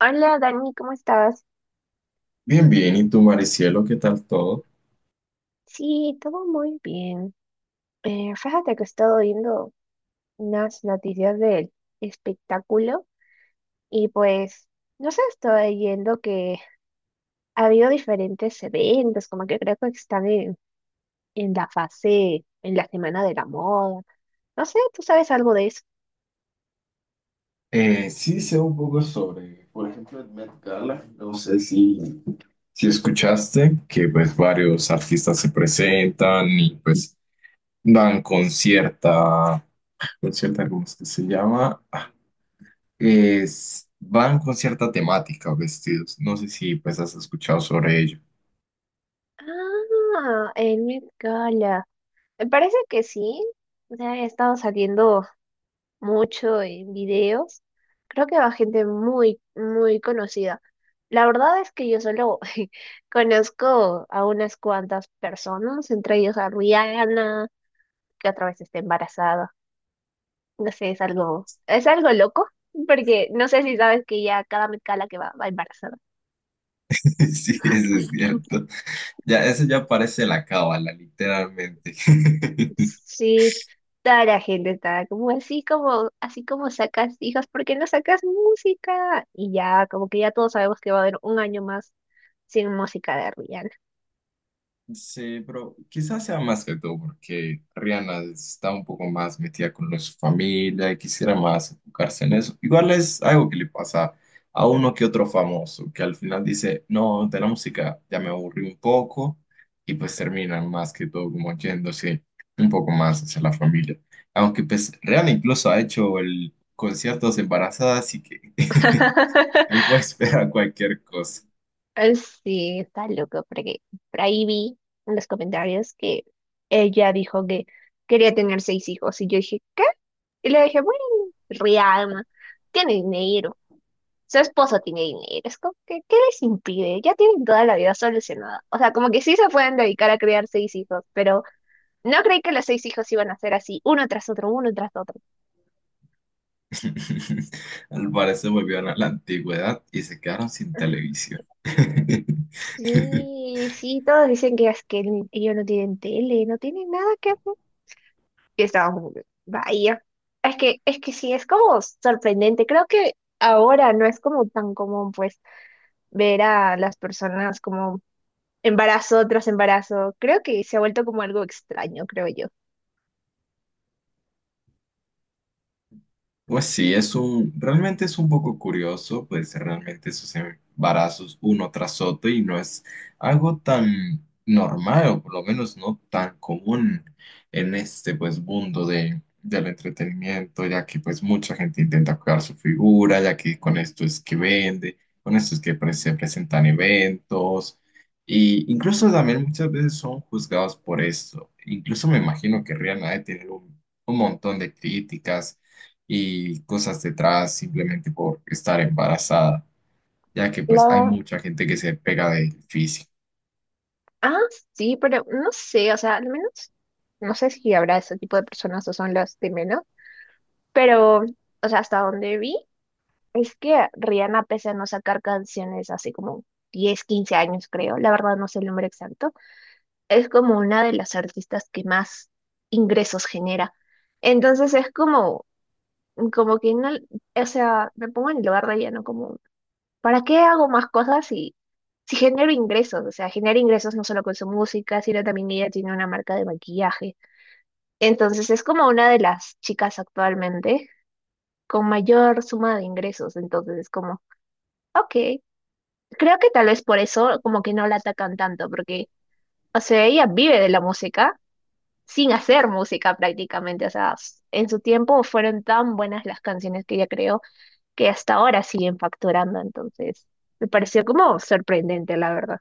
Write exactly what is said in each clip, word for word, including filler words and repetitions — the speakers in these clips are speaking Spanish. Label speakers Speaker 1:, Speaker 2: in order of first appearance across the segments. Speaker 1: Hola Dani, ¿cómo estás?
Speaker 2: Bien, bien. ¿Y tú, Maricielo, qué tal todo?
Speaker 1: Sí, todo muy bien. Eh, fíjate que he estado viendo unas noticias del espectáculo y pues, no sé, estoy viendo que ha habido diferentes eventos, como que creo que están en, en la fase, en la semana de la moda. No sé, ¿tú sabes algo de eso?
Speaker 2: Eh, sí sé un poco sobre, por ejemplo, el Met Gala. No sé si... Si escuchaste que pues varios artistas se presentan y pues dan con cierta, con cierta, ¿cómo es que se llama? Es, van con cierta temática vestidos. No sé si pues has escuchado sobre ello.
Speaker 1: Ah, el Met Gala. Me parece que sí. O sea, he estado saliendo mucho en videos. Creo que va gente muy, muy conocida. La verdad es que yo solo conozco a unas cuantas personas, entre ellos a Rihanna, que otra vez está embarazada. No sé, es algo, es algo loco, porque no sé si sabes que ya cada Met Gala que va, va embarazada.
Speaker 2: Sí, eso es cierto. Ya, eso ya parece la cábala, literalmente.
Speaker 1: Sí, toda la gente estaba como así como, así como sacas hijas. ¿Por qué no sacas música? Y ya, como que ya todos sabemos que va a haber un año más sin música de Rihanna.
Speaker 2: Sí, pero quizás sea más que todo porque Rihanna está un poco más metida con lo de su familia y quisiera más enfocarse en eso. Igual es algo que le pasa a uno que otro famoso, que al final dice, no, de la música ya me aburrí un poco y pues terminan más que todo como yéndose un poco más hacia la familia. Aunque pues Rihanna incluso ha hecho el conciertos embarazada, así que me puedo esperar cualquier cosa.
Speaker 1: Eh, sí, está loco, porque por ahí vi en los comentarios que ella dijo que quería tener seis hijos y yo dije, ¿qué? Y le dije, bueno, Rihanna tiene dinero, su esposo tiene dinero, es como que, ¿qué les impide? Ya tienen toda la vida solucionada. O sea, como que sí se pueden dedicar a criar seis hijos, pero no creí que los seis hijos iban a ser así, uno tras otro, uno tras otro.
Speaker 2: Al parecer volvieron a la antigüedad y se quedaron sin televisión.
Speaker 1: Sí, sí, todos dicen que es que ni- ellos no tienen tele, no tienen nada que hacer. Y estábamos como que, vaya. Es que, es que sí, es como sorprendente. Creo que ahora no es como tan común, pues, ver a las personas como embarazo tras embarazo. Creo que se ha vuelto como algo extraño, creo yo.
Speaker 2: Pues sí, es un, realmente es un poco curioso, pues realmente esos embarazos uno tras otro y no es algo tan normal o por lo menos no tan común en este pues mundo de, del entretenimiento, ya que pues mucha gente intenta cuidar su figura, ya que con esto es que vende, con esto es que pre- se presentan eventos y incluso también muchas veces son juzgados por esto. Incluso me imagino que Rihanna debe tener un un montón de críticas y cosas detrás simplemente por estar embarazada, ya que pues hay
Speaker 1: La...
Speaker 2: mucha gente que se pega del físico.
Speaker 1: Ah, sí, pero no sé, o sea, al menos, no sé si habrá ese tipo de personas o son las de menos, pero, o sea, hasta donde vi, es que Rihanna, pese a no sacar canciones hace como diez quince años, creo, la verdad no sé el número exacto, es como una de las artistas que más ingresos genera. Entonces es como, como que no, o sea, me pongo en el lugar de ella, ¿no? Como ¿para qué hago más cosas si, si genero ingresos? O sea, genera ingresos no solo con su música, sino también ella tiene una marca de maquillaje. Entonces es como una de las chicas actualmente con mayor suma de ingresos. Entonces es como, ok, creo que tal vez por eso como que no la atacan tanto, porque, o sea, ella vive de la música sin hacer música prácticamente. O sea, s- en su tiempo fueron tan buenas las canciones que ella creó que hasta ahora siguen facturando. Entonces, me pareció como sorprendente, la verdad.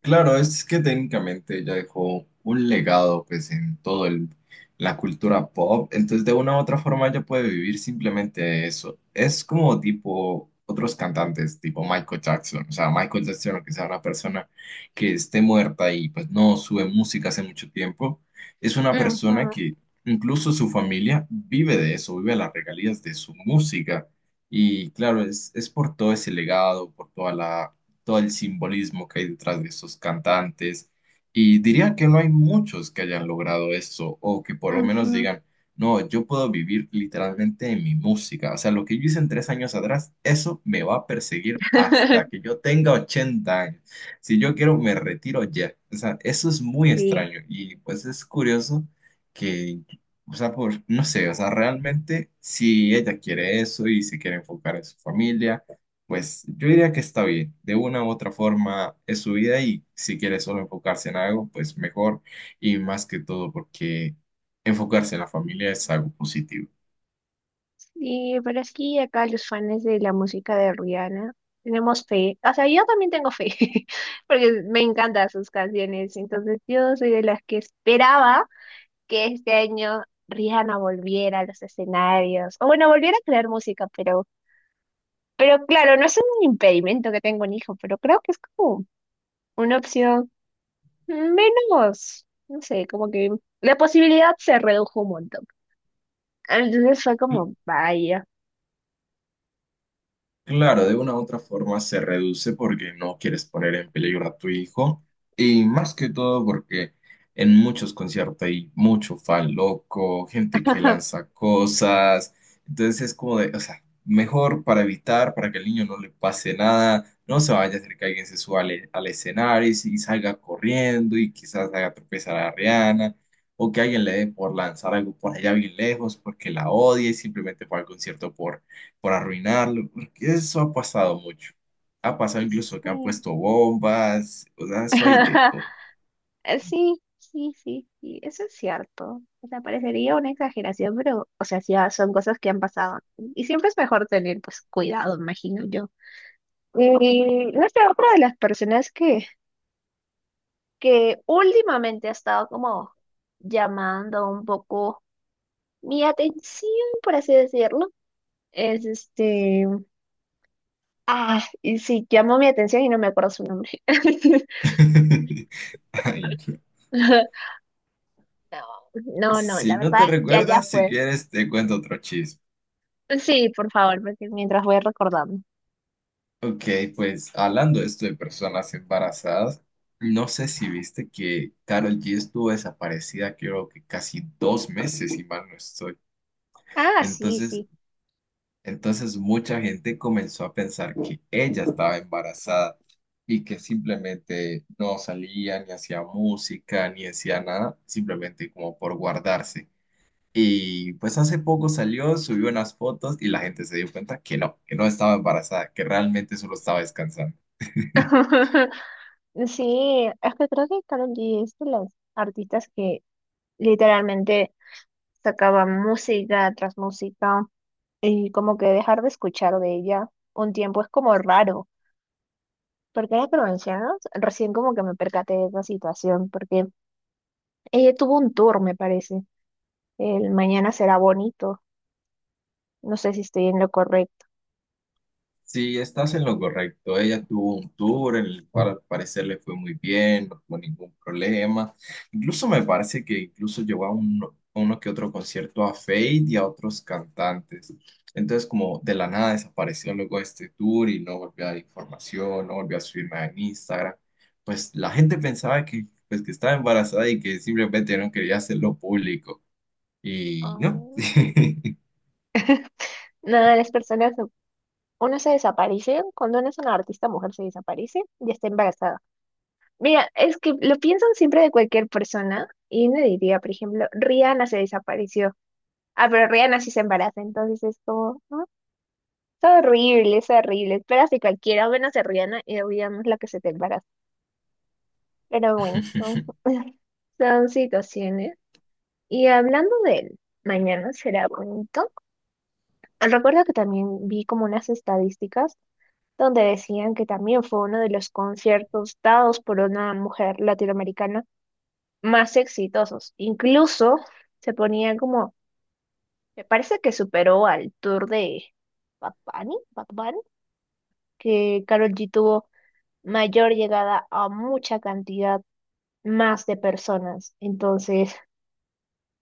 Speaker 2: Claro, es que técnicamente ella dejó un legado pues en todo el, la cultura pop, entonces de una u otra forma ella puede vivir simplemente de eso. Es como tipo otros cantantes, tipo Michael Jackson, o sea, Michael Jackson, aunque sea una persona que esté muerta y pues no sube música hace mucho tiempo, es una
Speaker 1: Ujú,
Speaker 2: persona que incluso su familia vive de eso, vive las regalías de su música. Y claro, es, es por todo ese legado, por toda la todo el simbolismo que hay detrás de esos cantantes. Y diría que no hay muchos que hayan logrado eso o que por lo menos
Speaker 1: ujú.
Speaker 2: digan, no, yo puedo vivir literalmente en mi música. O sea, lo que yo hice en tres años atrás, eso me va a perseguir hasta que yo tenga ochenta años. Si yo quiero, me retiro ya. O sea, eso es muy
Speaker 1: Sí,
Speaker 2: extraño y pues es curioso que... O sea, por, no sé, o sea, realmente si ella quiere eso y se quiere enfocar en su familia, pues yo diría que está bien. De una u otra forma es su vida y si quiere solo enfocarse en algo, pues mejor. Y más que todo porque enfocarse en la familia es algo positivo.
Speaker 1: sí, pero es que acá los fans de la música de Rihanna tenemos fe. O sea, yo también tengo fe, porque me encantan sus canciones. Entonces, yo soy de las que esperaba que este año Rihanna volviera a los escenarios. O bueno, volviera a crear música, pero, pero, claro, no es un impedimento que tenga un hijo, pero creo que es como una opción menos, no sé, como que la posibilidad se redujo un montón. Entonces fue como, vaya.
Speaker 2: Claro, de una u otra forma se reduce porque no quieres poner en peligro a tu hijo y más que todo porque en muchos conciertos hay mucho fan loco, gente que lanza cosas, entonces es como de, o sea, mejor para evitar, para que al niño no le pase nada, no se vaya a hacer que alguien se suba al, e, al escenario y, si- y salga corriendo y quizás haga tropezar a Rihanna o que alguien le dé por lanzar algo por allá bien lejos porque la odia y simplemente fue al concierto por, por arruinarlo. Eso ha pasado mucho. Ha pasado incluso que han
Speaker 1: Sí,
Speaker 2: puesto bombas, o sea, eso hay de todo.
Speaker 1: sí, sí, sí, sí, eso es cierto. O sea, parecería una exageración, pero, o sea, sí, ah, son cosas que han pasado. Y siempre es mejor tener, pues, cuidado, imagino yo. Y no sé, otra de las personas que, que últimamente ha estado como llamando un poco mi atención, por así decirlo, es este... Ah, y sí, llamó mi atención y no me acuerdo su nombre.
Speaker 2: Ay, no.
Speaker 1: No, no, no,
Speaker 2: Si
Speaker 1: la
Speaker 2: no
Speaker 1: verdad,
Speaker 2: te
Speaker 1: ya, ya
Speaker 2: recuerdas, si
Speaker 1: fue.
Speaker 2: quieres, te cuento otro chisme.
Speaker 1: Sí, por favor, porque mientras voy recordando.
Speaker 2: Ok, pues hablando de esto de personas embarazadas, no sé si viste que Karol G estuvo desaparecida, creo que casi dos meses, si mal no estoy.
Speaker 1: Ah, sí,
Speaker 2: Entonces
Speaker 1: sí.
Speaker 2: Entonces mucha gente comenzó a pensar que ella estaba embarazada y que simplemente no salía, ni hacía música, ni hacía nada, simplemente como por guardarse. Y pues hace poco salió, subió unas fotos y la gente se dio cuenta que no, que no estaba embarazada, que realmente solo estaba descansando.
Speaker 1: Sí, es que creo que Karol G es de las artistas que literalmente sacaba música tras música y como que dejar de escuchar de ella un tiempo es como raro, porque ahora que lo mencionas, recién como que me percaté de esa situación, porque ella tuvo un tour, me parece, el Mañana será bonito, no sé si estoy en lo correcto.
Speaker 2: Sí, estás en lo correcto. Ella tuvo un tour en el cual al parecer le fue muy bien, no tuvo ningún problema. Incluso me parece que incluso llevó a uno, a uno que otro concierto a Fate y a otros cantantes. Entonces como de la nada desapareció luego este tour y no volvió a dar información, no volvió a subir nada en Instagram. Pues la gente pensaba que, pues, que estaba embarazada y que simplemente no quería hacerlo público. Y no.
Speaker 1: Ah. Nada, las personas, no- uno se desaparece, cuando uno es una artista mujer se desaparece y está embarazada. Mira, es que lo piensan siempre de cualquier persona y me diría, por ejemplo, Rihanna se desapareció. Ah, pero Rihanna sí se embaraza, entonces es como, ¿no? Es horrible, es horrible. Esperas de cualquiera, menos de Rihanna y olvidamos la que se te embaraza. Pero bueno, son, son situaciones. Y hablando de mañana será bonito. Recuerdo que también vi como unas estadísticas donde decían que también fue uno de los conciertos dados por una mujer latinoamericana más exitosos. Incluso se ponía como, me parece que superó al tour de Bad Bunny, Bad Bunny, que Karol G tuvo mayor llegada a mucha cantidad más de personas. Entonces,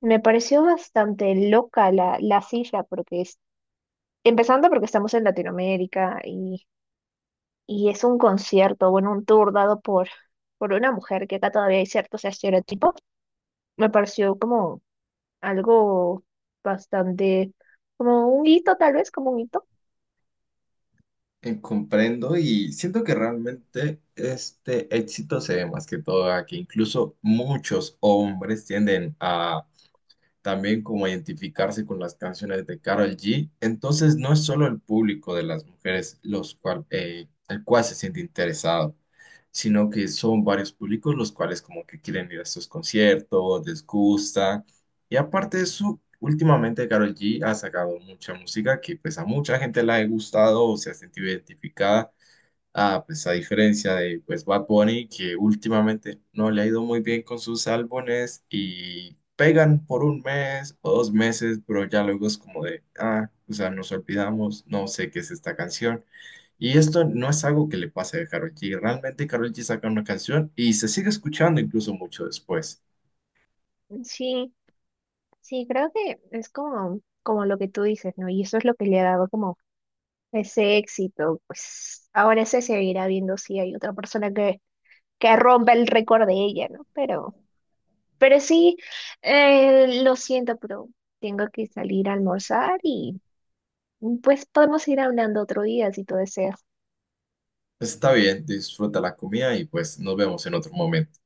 Speaker 1: me pareció bastante loca la, la cifra, porque es, empezando porque estamos en Latinoamérica y y es un concierto, bueno, un tour dado por, por una mujer, que acá todavía hay ciertos estereotipos, me pareció como algo bastante, como un hito tal vez, como un hito.
Speaker 2: Eh, comprendo y siento que realmente este éxito se ve más que todo a que incluso muchos hombres tienden a también como identificarse con las canciones de Karol G. Entonces no es solo el público de las mujeres los cual, eh, el cual se siente interesado, sino que son varios públicos los cuales como que quieren ir a estos conciertos, les gusta. Y aparte de eso, últimamente Karol G ha sacado mucha música que pues a mucha gente la ha gustado o se ha sentido identificada. Ah, pues a diferencia de pues Bad Bunny, que últimamente no le ha ido muy bien con sus álbumes y pegan por un mes o dos meses, pero ya luego es como de, ah, o sea, nos olvidamos, no sé qué es esta canción. Y esto no es algo que le pase a Karol G. Realmente Karol G saca una canción y se sigue escuchando incluso mucho después.
Speaker 1: Sí, sí, creo que es como, como lo que tú dices, ¿no? Y eso es lo que le ha dado como ese éxito, pues ahora se seguirá viendo si hay otra persona que, que, rompa el récord de ella, ¿no? Pero, pero sí, eh, lo siento, pero tengo que salir a almorzar y... Pues podemos ir hablando otro día si tú deseas.
Speaker 2: Pues, está bien, disfruta la comida y pues nos vemos en otro momento.